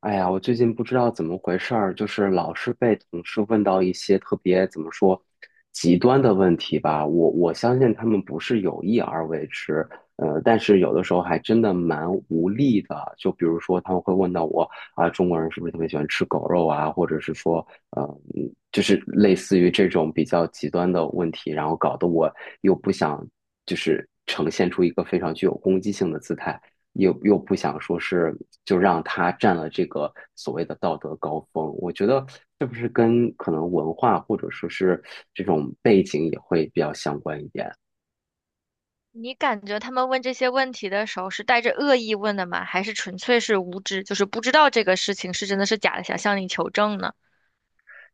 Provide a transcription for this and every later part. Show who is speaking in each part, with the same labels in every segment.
Speaker 1: 哎呀，我最近不知道怎么回事儿，就是老是被同事问到一些特别怎么说极端的问题吧。我相信他们不是有意而为之，但是有的时候还真的蛮无力的。就比如说他们会问到我啊，中国人是不是特别喜欢吃狗肉啊，或者是说，就是类似于这种比较极端的问题，然后搞得我又不想就是呈现出一个非常具有攻击性的姿态。又不想说是就让他占了这个所谓的道德高峰，我觉得是不是跟可能文化或者说是这种背景也会比较相关一点？
Speaker 2: 你感觉他们问这些问题的时候是带着恶意问的吗？还是纯粹是无知，就是不知道这个事情是真的是假的，想向你求证呢？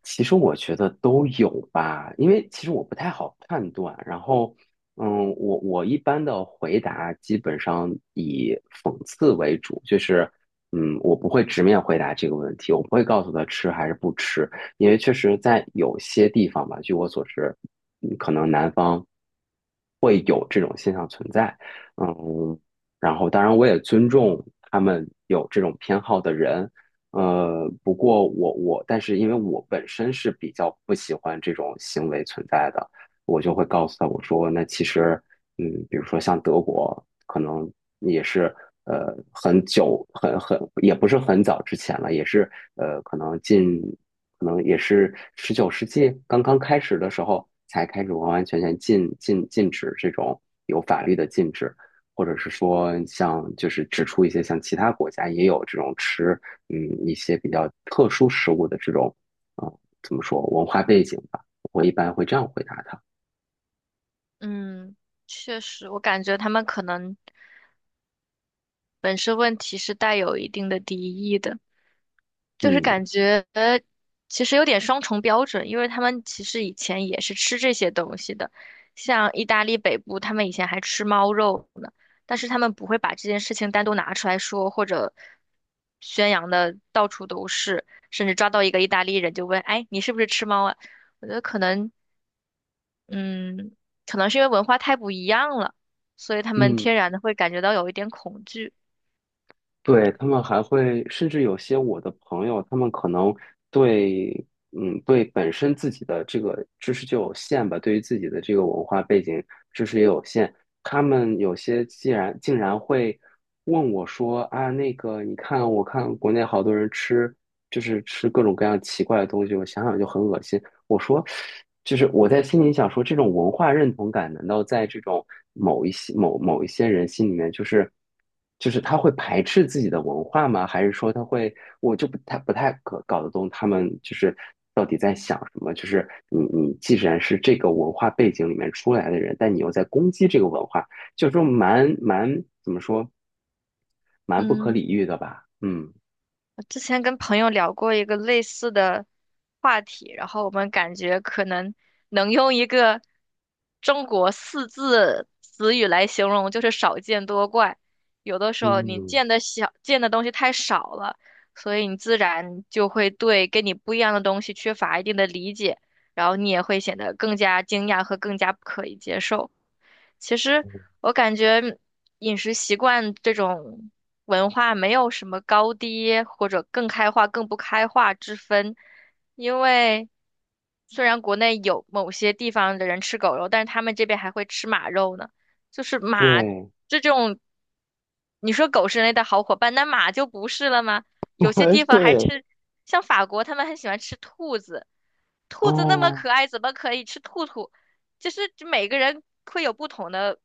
Speaker 1: 其实我觉得都有吧，因为其实我不太好判断。然后，我一般的回答基本上以讽刺为主，就是我不会直面回答这个问题，我不会告诉他吃还是不吃，因为确实在有些地方吧，据我所知，可能会有这种现象存在，嗯，然后当然我也尊重他们有这种偏好的人，不过我但是因为我本身是比较不喜欢这种行为存在的，我就会告诉他我说那其实，比如说像德国，可能也是很久也不是很早之前了，也是可能可能也是19世纪刚刚开始的时候才开始完完全全禁止这种有法律的禁止，或者是说像就是指出一些像其他国家也有这种吃嗯一些比较特殊食物的这种怎么说文化背景吧，我一般会这样回答他。
Speaker 2: 嗯，确实，我感觉他们可能本身问题是带有一定的敌意的。就是感
Speaker 1: 嗯
Speaker 2: 觉其实有点双重标准，因为他们其实以前也是吃这些东西的，像意大利北部，他们以前还吃猫肉呢，但是他们不会把这件事情单独拿出来说，或者宣扬的到处都是，甚至抓到一个意大利人就问，哎，你是不是吃猫啊？我觉得可能，嗯，可能是因为文化太不一样了，所以他们
Speaker 1: 嗯。
Speaker 2: 天然的会感觉到有一点恐惧。
Speaker 1: 对，他们还会，甚至有些我的朋友，他们可能对，对本身自己的这个知识就有限吧，对于自己的这个文化背景知识也有限。他们有些竟然会问我说啊，那个你看，我看国内好多人吃，就是吃各种各样奇怪的东西，我想想就很恶心。我说，就是我在心里想说，这种文化认同感，难道在这种某一些人心里面，就是他会排斥自己的文化吗？还是说他会，我就不太搞得懂他们就是到底在想什么？就是你既然是这个文化背景里面出来的人，但你又在攻击这个文化，就说怎么说，蛮不可理
Speaker 2: 嗯。
Speaker 1: 喻的吧？嗯
Speaker 2: 我之前跟朋友聊过一个类似的话题，然后我们感觉可能能用一个中国四字词语来形容，就是少见多怪。有的时候你
Speaker 1: 嗯，
Speaker 2: 见的小，见的东西太少了，所以你自然就会对跟你不一样的东西缺乏一定的理解，然后你也会显得更加惊讶和更加不可以接受。其实我感觉饮食习惯这种文化没有什么高低或者更开化、更不开化之分，因为虽然国内有某些地方的人吃狗肉，但是他们这边还会吃马肉呢。就是马
Speaker 1: 对
Speaker 2: 这种，你说狗是人类的好伙伴，那马就不是了吗？有些地 方还
Speaker 1: 对
Speaker 2: 吃，像法国他们很喜欢吃兔子，兔子那么
Speaker 1: 哦。
Speaker 2: 可爱，怎么可以吃兔兔？就是每个人会有不同的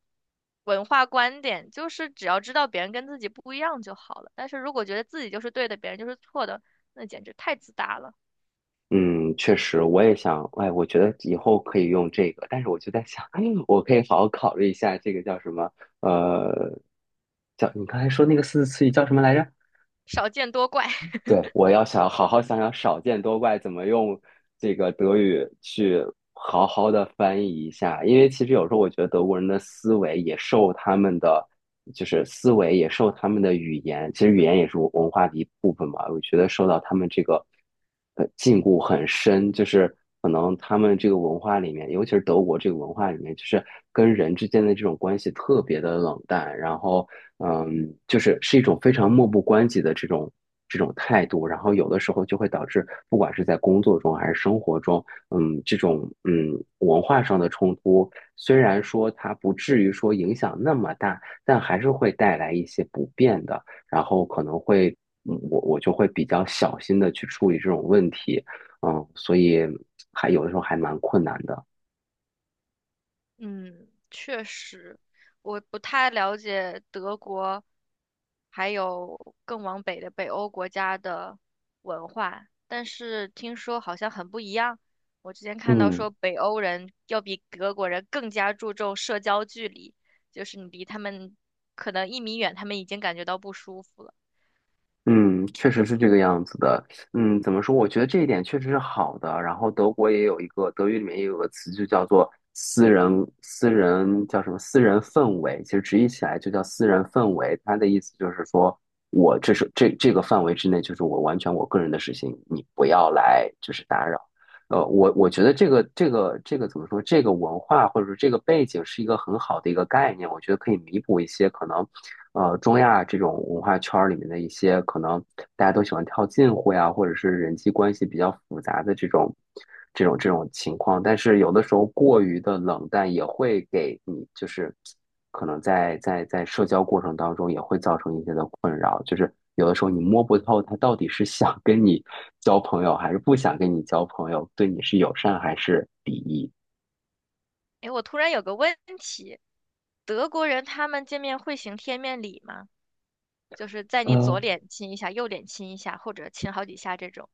Speaker 2: 文化观点，就是只要知道别人跟自己不一样就好了。但是如果觉得自己就是对的，别人就是错的，那简直太自大了，
Speaker 1: 嗯，确实，我也想，哎，我觉得以后可以用这个，但是我就在想，我可以好好考虑一下这个叫什么，呃，叫你刚才说那个四字词语叫什么来着？
Speaker 2: 少见多怪。
Speaker 1: 对，我要想好好想想"少见多怪"怎么用这个德语去好好的翻译一下，因为其实有时候我觉得德国人的思维也受他们的，就是思维也受他们的语言，其实语言也是文化的一部分嘛，我觉得受到他们这个。禁锢很深，就是可能他们这个文化里面，尤其是德国这个文化里面，就是跟人之间的这种关系特别的冷淡，然后就是一种非常漠不关己的这种态度，然后有的时候就会导致，不管是在工作中还是生活中，这种文化上的冲突，虽然说它不至于说影响那么大，但还是会带来一些不便的。然后可能会我就会比较小心的去处理这种问题，所以还有的时候还蛮困难的，
Speaker 2: 嗯，确实，我不太了解德国，还有更往北的北欧国家的文化，但是听说好像很不一样。我之前看到
Speaker 1: 嗯
Speaker 2: 说北欧人要比德国人更加注重社交距离，就是你离他们可能1米远，他们已经感觉到不舒服了。
Speaker 1: 嗯，确实是这个样子的，怎么说？我觉得这一点确实是好的。然后德国也有一个德语里面也有个词，就叫做私人叫什么私人氛围，其实直译起来就叫私人氛围。它的意思就是说我这是这个范围之内，就是我完全我个人的事情，你不要来就是打扰。我觉得这个怎么说？这个文化或者说这个背景是一个很好的一个概念，我觉得可以弥补一些可能，中亚这种文化圈儿里面的一些可能大家都喜欢套近乎呀，或者是人际关系比较复杂的这种情况。但是有的时候过于的冷淡也会给你就是可能在社交过程当中也会造成一些的困扰，就是有的时候你摸不透他到底是想跟你交朋友还是不想跟你交朋友，对你是友善还是敌意。
Speaker 2: 诶，我突然有个问题，德国人他们见面会行贴面礼吗？就是在你左
Speaker 1: 嗯。
Speaker 2: 脸亲一下，右脸亲一下，或者亲好几下这种。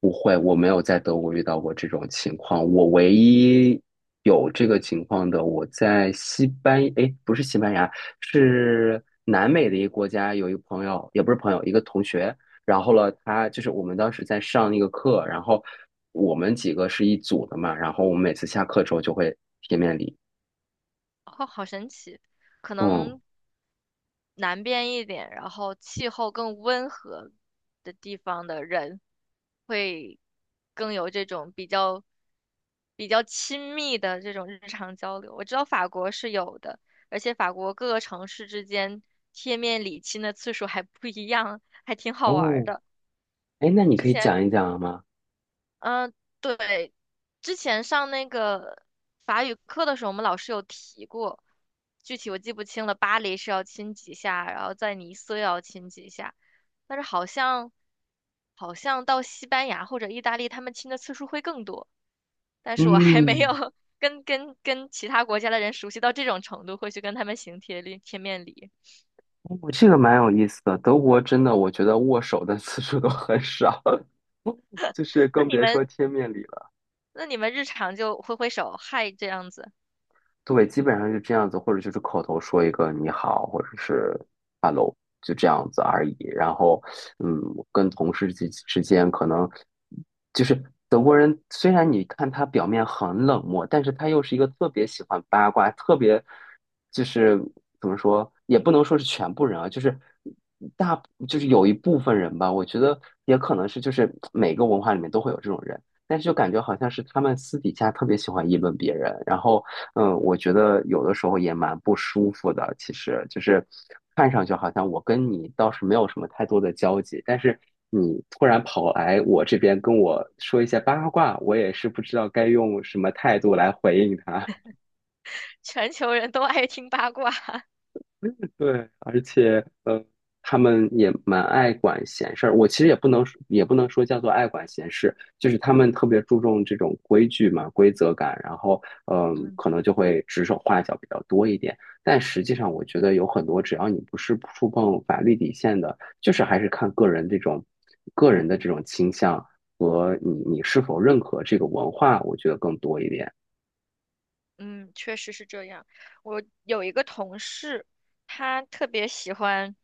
Speaker 1: 不会，我没有在德国遇到过这种情况。我唯一有这个情况的，我在西班，哎，不是西班牙，是南美的一个国家，有一个朋友，也不是朋友，一个同学。然后呢，他就是我们当时在上那个课，然后我们几个是一组的嘛，然后我们每次下课之后就会贴面礼。
Speaker 2: 哦，好神奇，可
Speaker 1: 嗯，
Speaker 2: 能南边一点，然后气候更温和的地方的人，会更有这种比较亲密的这种日常交流。我知道法国是有的，而且法国各个城市之间贴面礼亲的次数还不一样，还挺好玩儿
Speaker 1: 哦，
Speaker 2: 的。
Speaker 1: 哎，那你
Speaker 2: 之
Speaker 1: 可以
Speaker 2: 前
Speaker 1: 讲一讲吗？
Speaker 2: 嗯，对，之前上那个法语课的时候，我们老师有提过，具体我记不清了。巴黎是要亲几下，然后在尼斯要亲几下，但是好像到西班牙或者意大利，他们亲的次数会更多。但是我还没有
Speaker 1: 嗯，
Speaker 2: 跟其他国家的人熟悉到这种程度，会去跟他们行贴面礼。
Speaker 1: 哦，这个蛮有意思的。德国真的，我觉得握手的次数都很少。就是
Speaker 2: 那
Speaker 1: 更
Speaker 2: 你
Speaker 1: 别说
Speaker 2: 们
Speaker 1: 贴面礼了。
Speaker 2: 那你们日常就挥挥手嗨这样子，
Speaker 1: 对，基本上就这样子，或者就是口头说一个你好，或者是 hello，就这样子而已。然后，嗯，跟同事之间可能就是德国人，虽然你看他表面很冷漠，但是他又是一个特别喜欢八卦，特别就是怎么说，也不能说是全部人啊，就是大有一部分人吧，我觉得也可能是就是每个文化里面都会有这种人。但是就感觉好像是他们私底下特别喜欢议论别人，然后我觉得有的时候也蛮不舒服的，其实就是看上去好像我跟你倒是没有什么太多的交集，但是你突然跑来我这边跟我说一些八卦，我也是不知道该用什么态度来回应他。
Speaker 2: 全球人都爱听八卦。
Speaker 1: 对，而且他们也蛮爱管闲事儿。我其实也不能说叫做爱管闲事，就是他们特别注重这种规矩嘛、规则感，然后
Speaker 2: 嗯。
Speaker 1: 可能就会指手画脚比较多一点。但实际上，我觉得有很多，只要你不是触碰法律底线的，就是还是看个人这种个人的这种倾向和你是否认可这个文化，我觉得更多一点。
Speaker 2: 嗯，确实是这样。我有一个同事，他特别喜欢，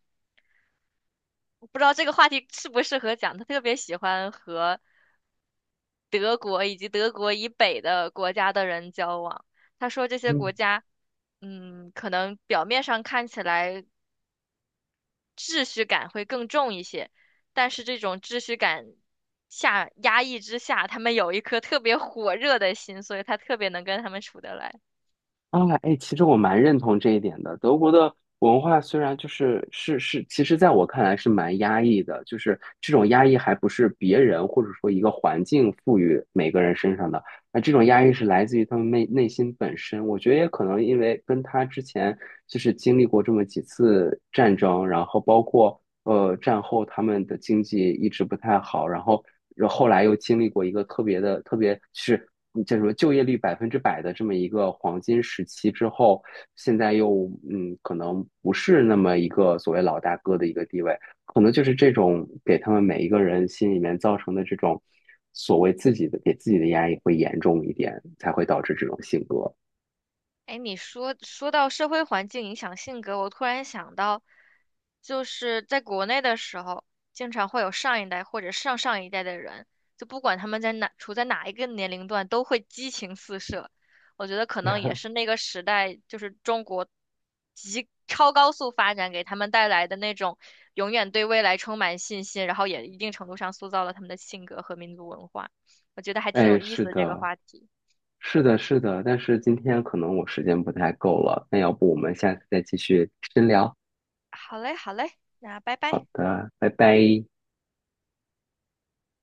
Speaker 2: 我不知道这个话题适不适合讲，他特别喜欢和德国以及德国以北的国家的人交往。他说这些国
Speaker 1: 嗯。
Speaker 2: 家，嗯，可能表面上看起来秩序感会更重一些，但是这种秩序感下压抑之下，他们有一颗特别火热的心，所以他特别能跟他们处得来。
Speaker 1: 啊，哎，其实我蛮认同这一点的。德国的文化虽然就是是，其实在我看来是蛮压抑的，就是这种压抑还不是别人或者说一个环境赋予每个人身上的，那这种压抑是来自于他们内心本身。我觉得也可能因为跟他之前就是经历过这么几次战争，然后包括战后他们的经济一直不太好，然后。然后后来又经历过一个特别的、特别就是叫什说，就业率百分之百的这么一个黄金时期之后，现在又可能不是那么一个所谓老大哥的一个地位，可能就是这种给他们每一个人心里面造成的这种所谓自己的给自己的压力会严重一点，才会导致这种性格。
Speaker 2: 哎，你说到社会环境影响性格，我突然想到，就是在国内的时候，经常会有上一代或者上上一代的人，就不管他们在哪，处在哪一个年龄段，都会激情四射。我觉得可能也是那个时代，就是中国极超高速发展给他们带来的那种永远对未来充满信心，然后也一定程度上塑造了他们的性格和民族文化。我觉得还挺有
Speaker 1: 哎，
Speaker 2: 意思
Speaker 1: 是
Speaker 2: 的这个
Speaker 1: 的，
Speaker 2: 话题。
Speaker 1: 是的，是的，但是今天可能我时间不太够了，那要不我们下次再继续深聊？
Speaker 2: 好嘞，好嘞，那拜
Speaker 1: 好
Speaker 2: 拜。
Speaker 1: 的，拜拜。